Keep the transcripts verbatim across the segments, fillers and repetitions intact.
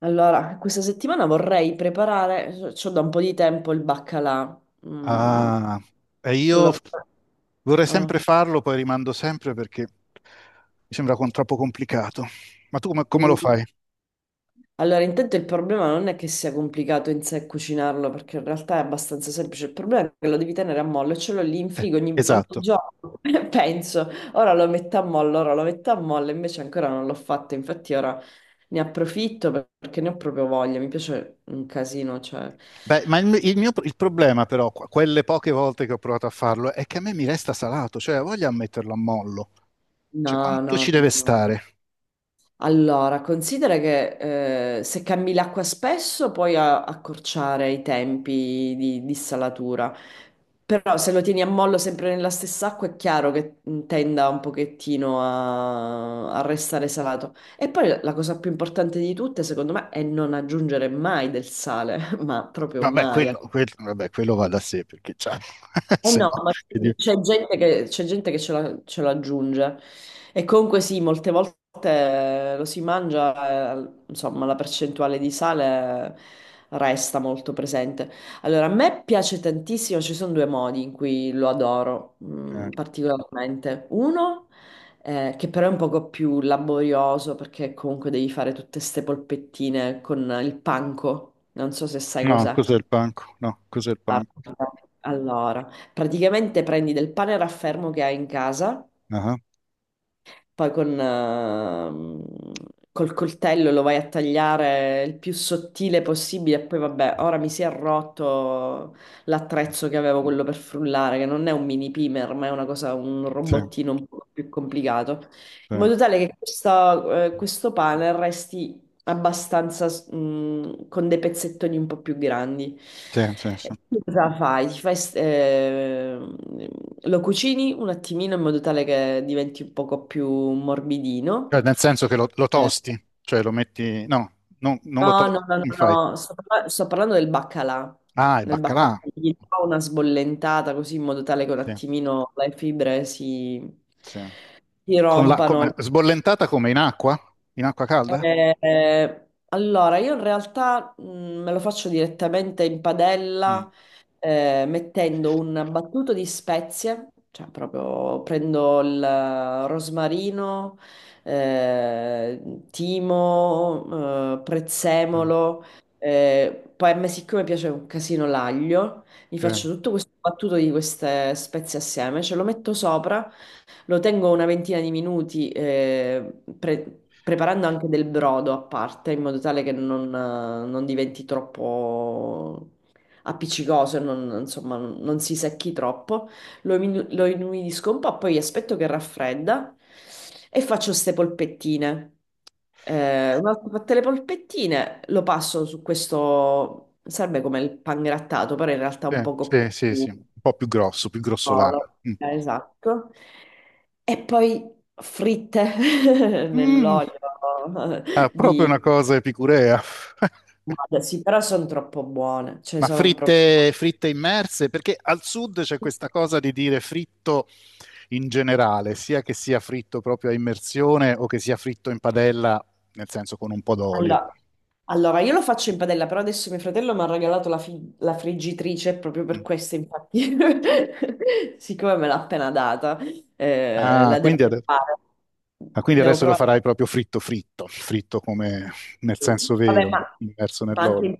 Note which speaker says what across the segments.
Speaker 1: Allora, questa settimana vorrei preparare, c'ho da un po' di tempo il baccalà. Mm.
Speaker 2: Ah, e io
Speaker 1: quello-
Speaker 2: vorrei sempre
Speaker 1: ah,
Speaker 2: farlo, poi rimando sempre perché mi sembra con troppo complicato. Ma tu come, come lo
Speaker 1: mm.
Speaker 2: fai?
Speaker 1: Allora, intanto il problema non è che sia complicato in sé cucinarlo, perché in realtà è abbastanza semplice. Il problema è che lo devi tenere a mollo e ce l'ho lì in
Speaker 2: Eh,
Speaker 1: frigo ogni, ogni
Speaker 2: esatto.
Speaker 1: giorno. Penso, ora lo metto a mollo, ora lo metto a mollo, invece ancora non l'ho fatto. Infatti ora ne approfitto perché ne ho proprio voglia. Mi piace un casino, cioè...
Speaker 2: Beh, ma il, il mio il problema però, qu- quelle poche volte che ho provato a farlo, è che a me mi resta salato, cioè ho voglia a metterlo a mollo. Cioè,
Speaker 1: No,
Speaker 2: quanto
Speaker 1: no,
Speaker 2: ci deve
Speaker 1: no, no, no.
Speaker 2: stare?
Speaker 1: Allora, considera che eh, se cambi l'acqua spesso puoi a- accorciare i tempi di, di salatura, però se lo tieni a mollo sempre nella stessa acqua è chiaro che mh, tenda un pochettino a, a restare salato. E poi la la cosa più importante di tutte, secondo me, è non aggiungere mai del sale, ma proprio
Speaker 2: Vabbè,
Speaker 1: mai.
Speaker 2: quello, quel- vabbè, quello va da sé, perché cioè,
Speaker 1: Eh
Speaker 2: se no...
Speaker 1: no, ma
Speaker 2: che dire.
Speaker 1: c'è gente che, c'è gente che ce la- ce l'aggiunge e comunque sì, molte volte eh, lo si mangia, eh, insomma, la percentuale di sale resta molto presente. Allora, a me piace tantissimo, ci sono due modi in cui lo adoro
Speaker 2: Eh,
Speaker 1: mm, particolarmente. Uno, eh, che però è un poco più laborioso perché comunque devi fare tutte ste polpettine con il panco, non so se sai
Speaker 2: No,
Speaker 1: cos'è.
Speaker 2: cos'è il panco? No, cos'è il panco?
Speaker 1: Guarda, allora, praticamente prendi del pane raffermo che hai in casa,
Speaker 2: Ah,
Speaker 1: poi con, ehm, col coltello lo vai a tagliare il più sottile possibile, e poi vabbè, ora mi si è rotto l'attrezzo che avevo, quello per frullare, che non è un mini pimer, ma è una cosa, un
Speaker 2: sì,
Speaker 1: robottino un po' più complicato,
Speaker 2: sì,
Speaker 1: in modo tale che questa- eh, questo pane resti abbastanza s- mh, con dei pezzettoni un po' più grandi.
Speaker 2: sì, sì,
Speaker 1: E
Speaker 2: sì.
Speaker 1: tu, cosa fai? Ti fai s- eh, lo cucini un attimino in modo tale che diventi un poco più morbidino.
Speaker 2: Cioè, nel senso che lo, lo
Speaker 1: Eh,
Speaker 2: tosti, cioè lo metti... No, non, non lo
Speaker 1: no, no,
Speaker 2: tosti,
Speaker 1: no,
Speaker 2: come
Speaker 1: no,
Speaker 2: fai?
Speaker 1: no, Sto, parla- sto parlando del baccalà.
Speaker 2: Ah, il
Speaker 1: Nel baccalà
Speaker 2: baccalà.
Speaker 1: gli do una sbollentata così in modo tale che un
Speaker 2: Sì,
Speaker 1: attimino le fibre si,
Speaker 2: sì.
Speaker 1: si
Speaker 2: Con la,
Speaker 1: rompano.
Speaker 2: come- sbollentata come in acqua? In acqua calda?
Speaker 1: Eh, allora, io in realtà mh, me lo faccio direttamente in
Speaker 2: Mm.
Speaker 1: padella, eh, mettendo un battuto di spezie, cioè proprio prendo il rosmarino, eh, timo, eh, prezzemolo, eh, poi a me siccome piace un casino l'aglio, mi
Speaker 2: Sì,
Speaker 1: faccio tutto questo battuto di queste spezie assieme, ce lo metto sopra. Lo tengo una ventina di minuti, eh, pre- preparando anche del brodo a parte, in modo tale che non, eh, non diventi troppo appiccicoso e non, insomma, non non si secchi troppo. Lo, inu- lo inumidisco un po', poi aspetto che raffredda e faccio queste polpettine. Eh, una volta fatte le polpettine, lo passo su questo, serve come il pangrattato, però in realtà un
Speaker 2: sì,
Speaker 1: poco
Speaker 2: sì, sì,
Speaker 1: più.
Speaker 2: sì. Un po' più grosso, più grossolano.
Speaker 1: Solo.
Speaker 2: Mm.
Speaker 1: Eh, Esatto. E poi fritte
Speaker 2: Mm.
Speaker 1: nell'olio
Speaker 2: Ah, proprio
Speaker 1: di...
Speaker 2: una cosa epicurea.
Speaker 1: Vabbè, sì, però sono troppo buone, cioè
Speaker 2: Ma
Speaker 1: sono proprio...
Speaker 2: fritte, fritte immerse? Perché al sud c'è questa cosa di dire fritto in generale, sia che sia fritto proprio a immersione o che sia fritto in padella, nel senso con un po' d'olio.
Speaker 1: Allora, allora, io lo faccio in padella, però adesso mio fratello mi ha regalato la, fi- la friggitrice proprio per
Speaker 2: Mm.
Speaker 1: questo, infatti, siccome me l'ha appena data, eh,
Speaker 2: Ah,
Speaker 1: la devo
Speaker 2: quindi, ade-
Speaker 1: provare.
Speaker 2: ah, quindi
Speaker 1: Devo
Speaker 2: adesso lo
Speaker 1: provare.
Speaker 2: farai proprio fritto fritto, fritto come nel
Speaker 1: Sì.
Speaker 2: senso
Speaker 1: Vabbè, ma,
Speaker 2: vero, immerso
Speaker 1: ma anche
Speaker 2: nell'olio.
Speaker 1: in...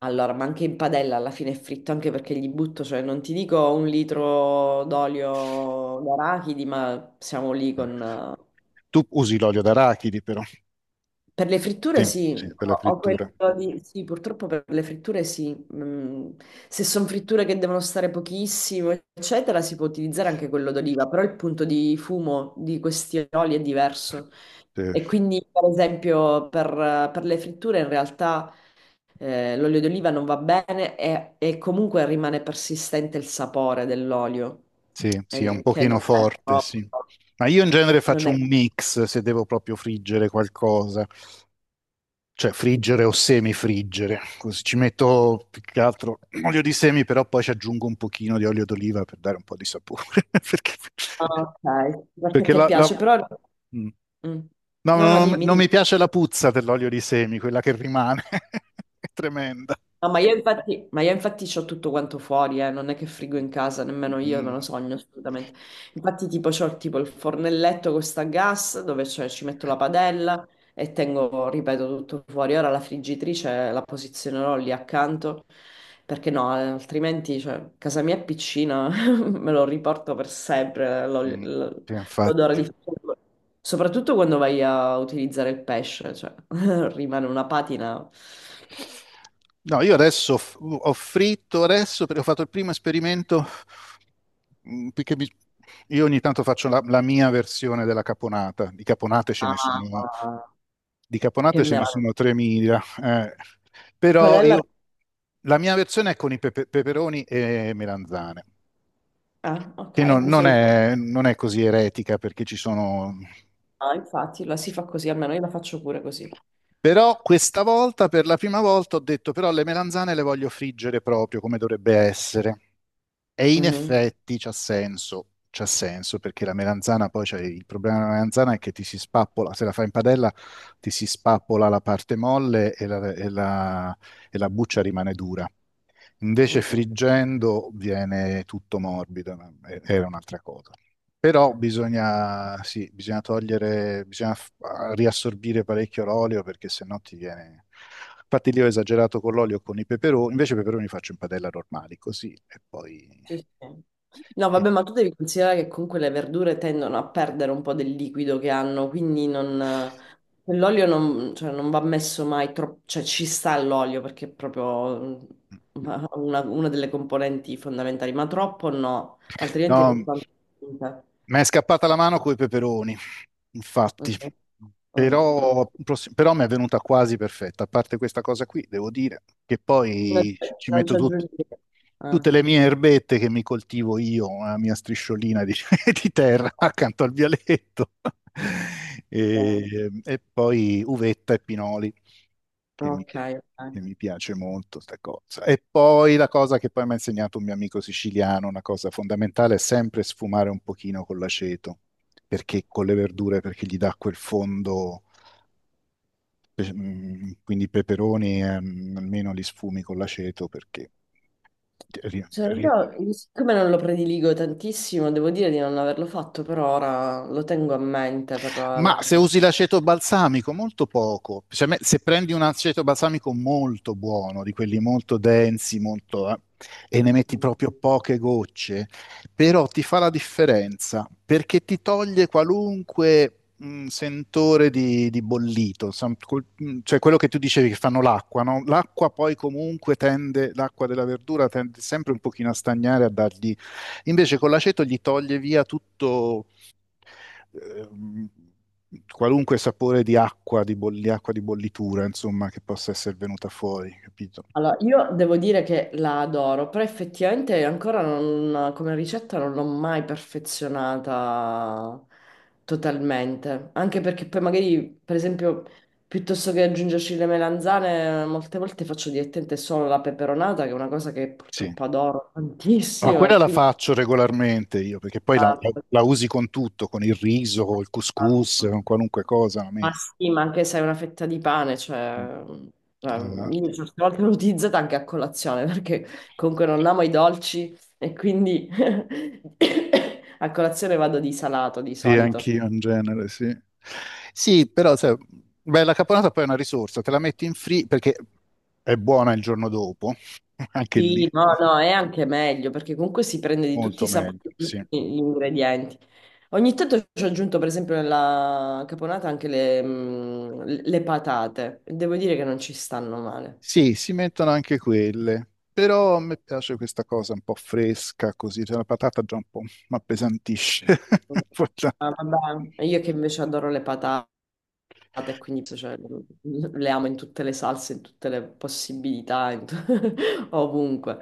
Speaker 1: Allora, ma anche in padella alla fine è fritto, anche perché gli butto, cioè non ti dico un litro d'olio d'arachidi, ma siamo lì con...
Speaker 2: Tu usi l'olio d'arachidi però,
Speaker 1: Per le fritture
Speaker 2: sì,
Speaker 1: sì,
Speaker 2: sì, per la
Speaker 1: ho ho quello
Speaker 2: frittura.
Speaker 1: di... Sì, purtroppo per le fritture sì. Mm, Se sono fritture che devono stare pochissimo, eccetera, si può utilizzare anche quello d'oliva, però il punto di fumo di questi oli è diverso. E
Speaker 2: Sì,
Speaker 1: quindi, per esempio, per, per le fritture in realtà eh, l'olio d'oliva non va bene, e, e comunque rimane persistente il sapore dell'olio,
Speaker 2: sì, sì, è un
Speaker 1: eh, che
Speaker 2: pochino
Speaker 1: non è
Speaker 2: forte,
Speaker 1: proprio...
Speaker 2: sì. Ma io in genere
Speaker 1: Non
Speaker 2: faccio
Speaker 1: è.
Speaker 2: un mix se devo proprio friggere qualcosa. Cioè friggere o semifriggere, così ci metto più che altro olio di semi, però poi ci aggiungo un pochino di olio d'oliva per dare un po' di sapore, perché,
Speaker 1: Ah, ok, perché
Speaker 2: perché
Speaker 1: ti
Speaker 2: la, la-
Speaker 1: piace, però...
Speaker 2: Mm.
Speaker 1: Mm.
Speaker 2: No, no,
Speaker 1: No, no,
Speaker 2: no, no,
Speaker 1: dimmi,
Speaker 2: non
Speaker 1: dimmi.
Speaker 2: mi piace la puzza dell'olio di semi, quella che rimane, è tremenda.
Speaker 1: No, ma io infatti, ma io infatti c'ho tutto quanto fuori, eh, non è che frigo
Speaker 2: Mm,
Speaker 1: in casa, nemmeno io me lo
Speaker 2: mm,
Speaker 1: sogno assolutamente. Infatti tipo c'ho tipo il fornelletto con sta gas dove c'è- ci metto la padella e tengo, ripeto, tutto fuori. Ora la friggitrice la posizionerò lì accanto perché no, eh, altrimenti cioè, casa mia è piccina, me lo riporto per sempre l'ol-
Speaker 2: mm.
Speaker 1: l-
Speaker 2: Sì,
Speaker 1: l'odore
Speaker 2: infatti.
Speaker 1: di frigo. Soprattutto quando vai a utilizzare il pesce, cioè rimane una patina.
Speaker 2: No, io adesso f- ho fritto adesso perché ho fatto il primo esperimento mm, perché mi- io ogni tanto faccio la, la mia versione della caponata. Di caponate ce ne sono,
Speaker 1: Ah,
Speaker 2: di
Speaker 1: che
Speaker 2: caponate ce ne
Speaker 1: meraviglia.
Speaker 2: sono tremila, eh.
Speaker 1: Qual
Speaker 2: Però
Speaker 1: è la...
Speaker 2: io la mia versione è con i pepe- peperoni e melanzane,
Speaker 1: Ah,
Speaker 2: che
Speaker 1: ok,
Speaker 2: non,
Speaker 1: di
Speaker 2: non
Speaker 1: solito.
Speaker 2: è, non è così eretica perché ci sono...
Speaker 1: Ah, infatti, la si fa così, almeno io la faccio pure così.
Speaker 2: Però questa volta, per la prima volta, ho detto però le melanzane le voglio friggere proprio come dovrebbe essere. E in
Speaker 1: Mhm.
Speaker 2: effetti c'ha senso, c'ha senso perché la melanzana poi c'è il problema della melanzana è che ti si spappola, se la fai in padella ti si spappola la parte molle e la, e la- e la buccia rimane dura. Invece
Speaker 1: Mm,
Speaker 2: friggendo viene tutto morbido, ma è- era un'altra cosa. Però bisogna, sì, bisogna togliere, bisogna f- riassorbire parecchio l'olio perché sennò ti viene... Infatti lì ho esagerato con l'olio e con i peperoni, invece i peperoni li faccio in padella normali, così e poi...
Speaker 1: sì, sì. No,
Speaker 2: Eh,
Speaker 1: vabbè, ma tu devi considerare che comunque le verdure tendono a perdere un po' del liquido che hanno, quindi non... L'olio non, cioè, non va messo mai troppo, cioè ci sta l'olio perché è proprio mm, una, una delle componenti fondamentali, ma troppo no, altrimenti è
Speaker 2: no,
Speaker 1: soltanto. Mhm.
Speaker 2: mi è scappata la mano coi peperoni,
Speaker 1: Mm,
Speaker 2: infatti,
Speaker 1: mm, mm.
Speaker 2: però, prossi- però mi è venuta quasi perfetta. A parte questa cosa qui, devo dire che
Speaker 1: Non
Speaker 2: poi
Speaker 1: c'è
Speaker 2: ci ci
Speaker 1: non
Speaker 2: metto
Speaker 1: c'è
Speaker 2: tut-
Speaker 1: aggiungere. Ah,
Speaker 2: tutte le mie erbette che mi coltivo io, la mia strisciolina di, di terra accanto al vialetto,
Speaker 1: ok,
Speaker 2: e, e poi uvetta e pinoli. che mi,
Speaker 1: ok,
Speaker 2: pi- che
Speaker 1: ok.
Speaker 2: mi piace molto sta cosa. E poi la cosa che poi mi ha insegnato un mio amico siciliano, una cosa fondamentale, è sempre sfumare un pochino con l'aceto, perché con le verdure, perché gli dà quel fondo, pe- mm, quindi i peperoni, ehm, almeno li sfumi con l'aceto perché ri-
Speaker 1: Cioè,
Speaker 2: ri-
Speaker 1: io, siccome non lo prediligo tantissimo, devo dire di non averlo fatto per ora, lo tengo a mente per la...
Speaker 2: Ma
Speaker 1: la...
Speaker 2: se usi l'aceto balsamico, molto poco. Cioè, me- se prendi un aceto balsamico molto buono, di quelli molto densi, molto, eh, e ne metti proprio poche gocce, però ti fa la differenza perché ti toglie qualunque mh, sentore di, di bollito, Sam- col- mh, cioè quello che tu dicevi che fanno l'acqua, no? L'acqua poi comunque tende, l'acqua della verdura tende sempre un pochino a stagnare, a dargli... Invece con l'aceto gli toglie via tutto ehm, qualunque sapore di acqua, di bolli- acqua di bollitura, insomma, che possa essere venuta fuori, capito?
Speaker 1: Allora, io devo dire che la adoro, però effettivamente ancora non- come ricetta non l'ho mai perfezionata totalmente, anche perché poi magari, per esempio, piuttosto che aggiungerci le melanzane, molte volte faccio direttamente solo la peperonata, che è una cosa che
Speaker 2: Sì.
Speaker 1: purtroppo adoro
Speaker 2: Ma ah,
Speaker 1: tantissimo, e
Speaker 2: quella la
Speaker 1: quindi...
Speaker 2: faccio regolarmente io, perché poi la, la- la usi con tutto, con il riso, col couscous, con qualunque cosa la
Speaker 1: Ma
Speaker 2: metti.
Speaker 1: sì, ma anche se è una fetta di pane,
Speaker 2: Mm.
Speaker 1: cioè, cioè,
Speaker 2: Eh,
Speaker 1: io certe volte l'ho utilizzata anche a colazione, perché comunque non amo i dolci, e quindi a colazione vado di salato di
Speaker 2: sì,
Speaker 1: solito.
Speaker 2: anch'io in genere, sì. Sì, però, sai, beh, la caponata poi è una risorsa, te la metti in free perché è buona il giorno dopo, anche lì,
Speaker 1: Sì, no, no, è anche meglio, perché comunque si prende di tutti i
Speaker 2: molto
Speaker 1: sapori,
Speaker 2: meglio,
Speaker 1: di
Speaker 2: sì.
Speaker 1: tutti gli ingredienti. Ogni tanto ci ho aggiunto, per esempio, nella caponata anche le, mm, le patate, e devo dire che non ci stanno male.
Speaker 2: Sì, si mettono anche quelle, però a me piace questa cosa un po' fresca, così, cioè la patata già un po' mi appesantisce. Guarda.
Speaker 1: Ah, vabbè. Io che invece adoro le patate. E quindi, cioè, le amo in tutte le salse, in tutte le possibilità, in tu- ovunque.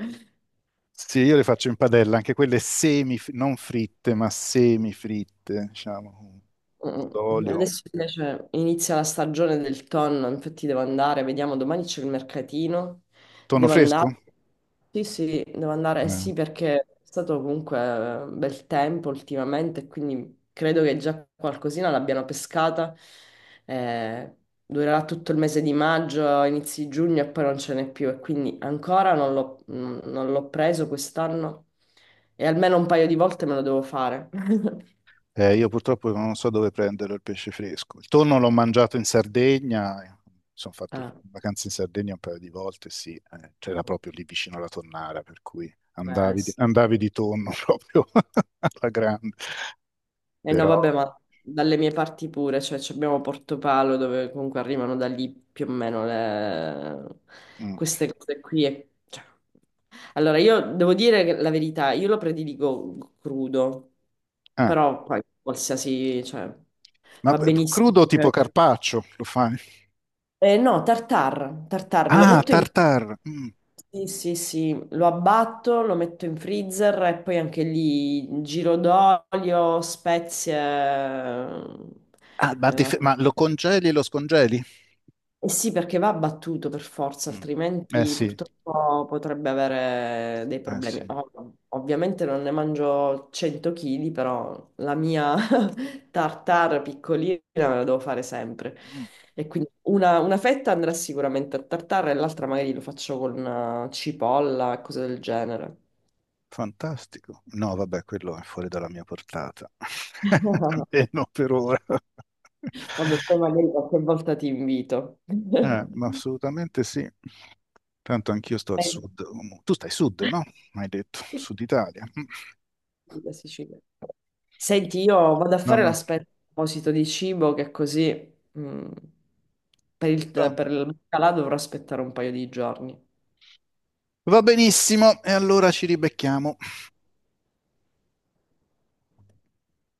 Speaker 2: Sì, io le faccio in padella, anche quelle semi, non fritte, ma semifritte, diciamo, un po'
Speaker 1: Mm, mm,
Speaker 2: d'olio.
Speaker 1: Adesso invece inizia la stagione del tonno, infatti devo andare, vediamo, domani c'è il mercatino,
Speaker 2: Tonno
Speaker 1: devo andare,
Speaker 2: fresco?
Speaker 1: sì sì, devo andare, eh
Speaker 2: Eh.
Speaker 1: sì, perché è stato comunque eh, bel tempo ultimamente, quindi credo che già qualcosina l'abbiano pescata. Eh, durerà tutto il mese di maggio, inizi giugno, e poi non ce n'è più, e quindi ancora non l'ho non l'ho preso quest'anno e almeno un paio di volte me lo devo fare.
Speaker 2: Eh, io purtroppo non so dove prendere il pesce fresco. Il tonno l'ho mangiato in Sardegna, eh, mi sono fatto
Speaker 1: Ah,
Speaker 2: vacanze in Sardegna un paio di volte, sì, eh, c'era proprio lì vicino alla tonnara, per cui
Speaker 1: eh,
Speaker 2: andavi di,
Speaker 1: sì.
Speaker 2: andavi di tonno proprio alla grande.
Speaker 1: Eh no,
Speaker 2: Però...
Speaker 1: vabbè, ma dalle mie parti pure, cioè ci abbiamo Portopalo, dove comunque arrivano da lì più o meno le-
Speaker 2: mm,
Speaker 1: queste cose qui. E- cioè. Allora, io devo dire che, la verità, io lo prediligo crudo,
Speaker 2: ah,
Speaker 1: però poi qualsiasi, cioè,
Speaker 2: ma
Speaker 1: va
Speaker 2: p-
Speaker 1: benissimo,
Speaker 2: crudo tipo
Speaker 1: anche-
Speaker 2: carpaccio lo fai?
Speaker 1: eh, no, tartar, tartar, lo
Speaker 2: Ah,
Speaker 1: metto in...
Speaker 2: tartar. Mm.
Speaker 1: Sì, sì, sì, lo abbatto, lo metto in freezer, e poi anche lì giro d'olio, spezie...
Speaker 2: Ah, ma, dif- ma lo congeli e lo scongeli?
Speaker 1: Eh sì, perché va abbattuto per forza,
Speaker 2: Mm. Eh
Speaker 1: altrimenti
Speaker 2: sì,
Speaker 1: purtroppo potrebbe avere dei
Speaker 2: eh
Speaker 1: problemi.
Speaker 2: sì.
Speaker 1: Ov- ovviamente non ne mangio cento chili, però la mia tartare piccolina me la devo fare sempre.
Speaker 2: Mm.
Speaker 1: E quindi una, una fetta andrà sicuramente a tartare e l'altra magari lo faccio con eh, cipolla e cose del genere.
Speaker 2: Fantastico. No, vabbè, quello è fuori dalla mia portata. Almeno per ora.
Speaker 1: Vabbè, poi magari qualche volta ti invito.
Speaker 2: Eh, ma assolutamente sì. Tanto anch'io sto al
Speaker 1: Eh,
Speaker 2: sud. Tu stai sud, no? Hai detto,
Speaker 1: sì,
Speaker 2: sud Italia. Mm.
Speaker 1: sì, la Sicilia. Senti, io vado a fare
Speaker 2: Vabbè.
Speaker 1: l'aspetto a proposito di cibo, che così mm, per il,
Speaker 2: Va
Speaker 1: per il baccalà dovrò aspettare un paio di giorni.
Speaker 2: Va benissimo, e allora ci ribecchiamo.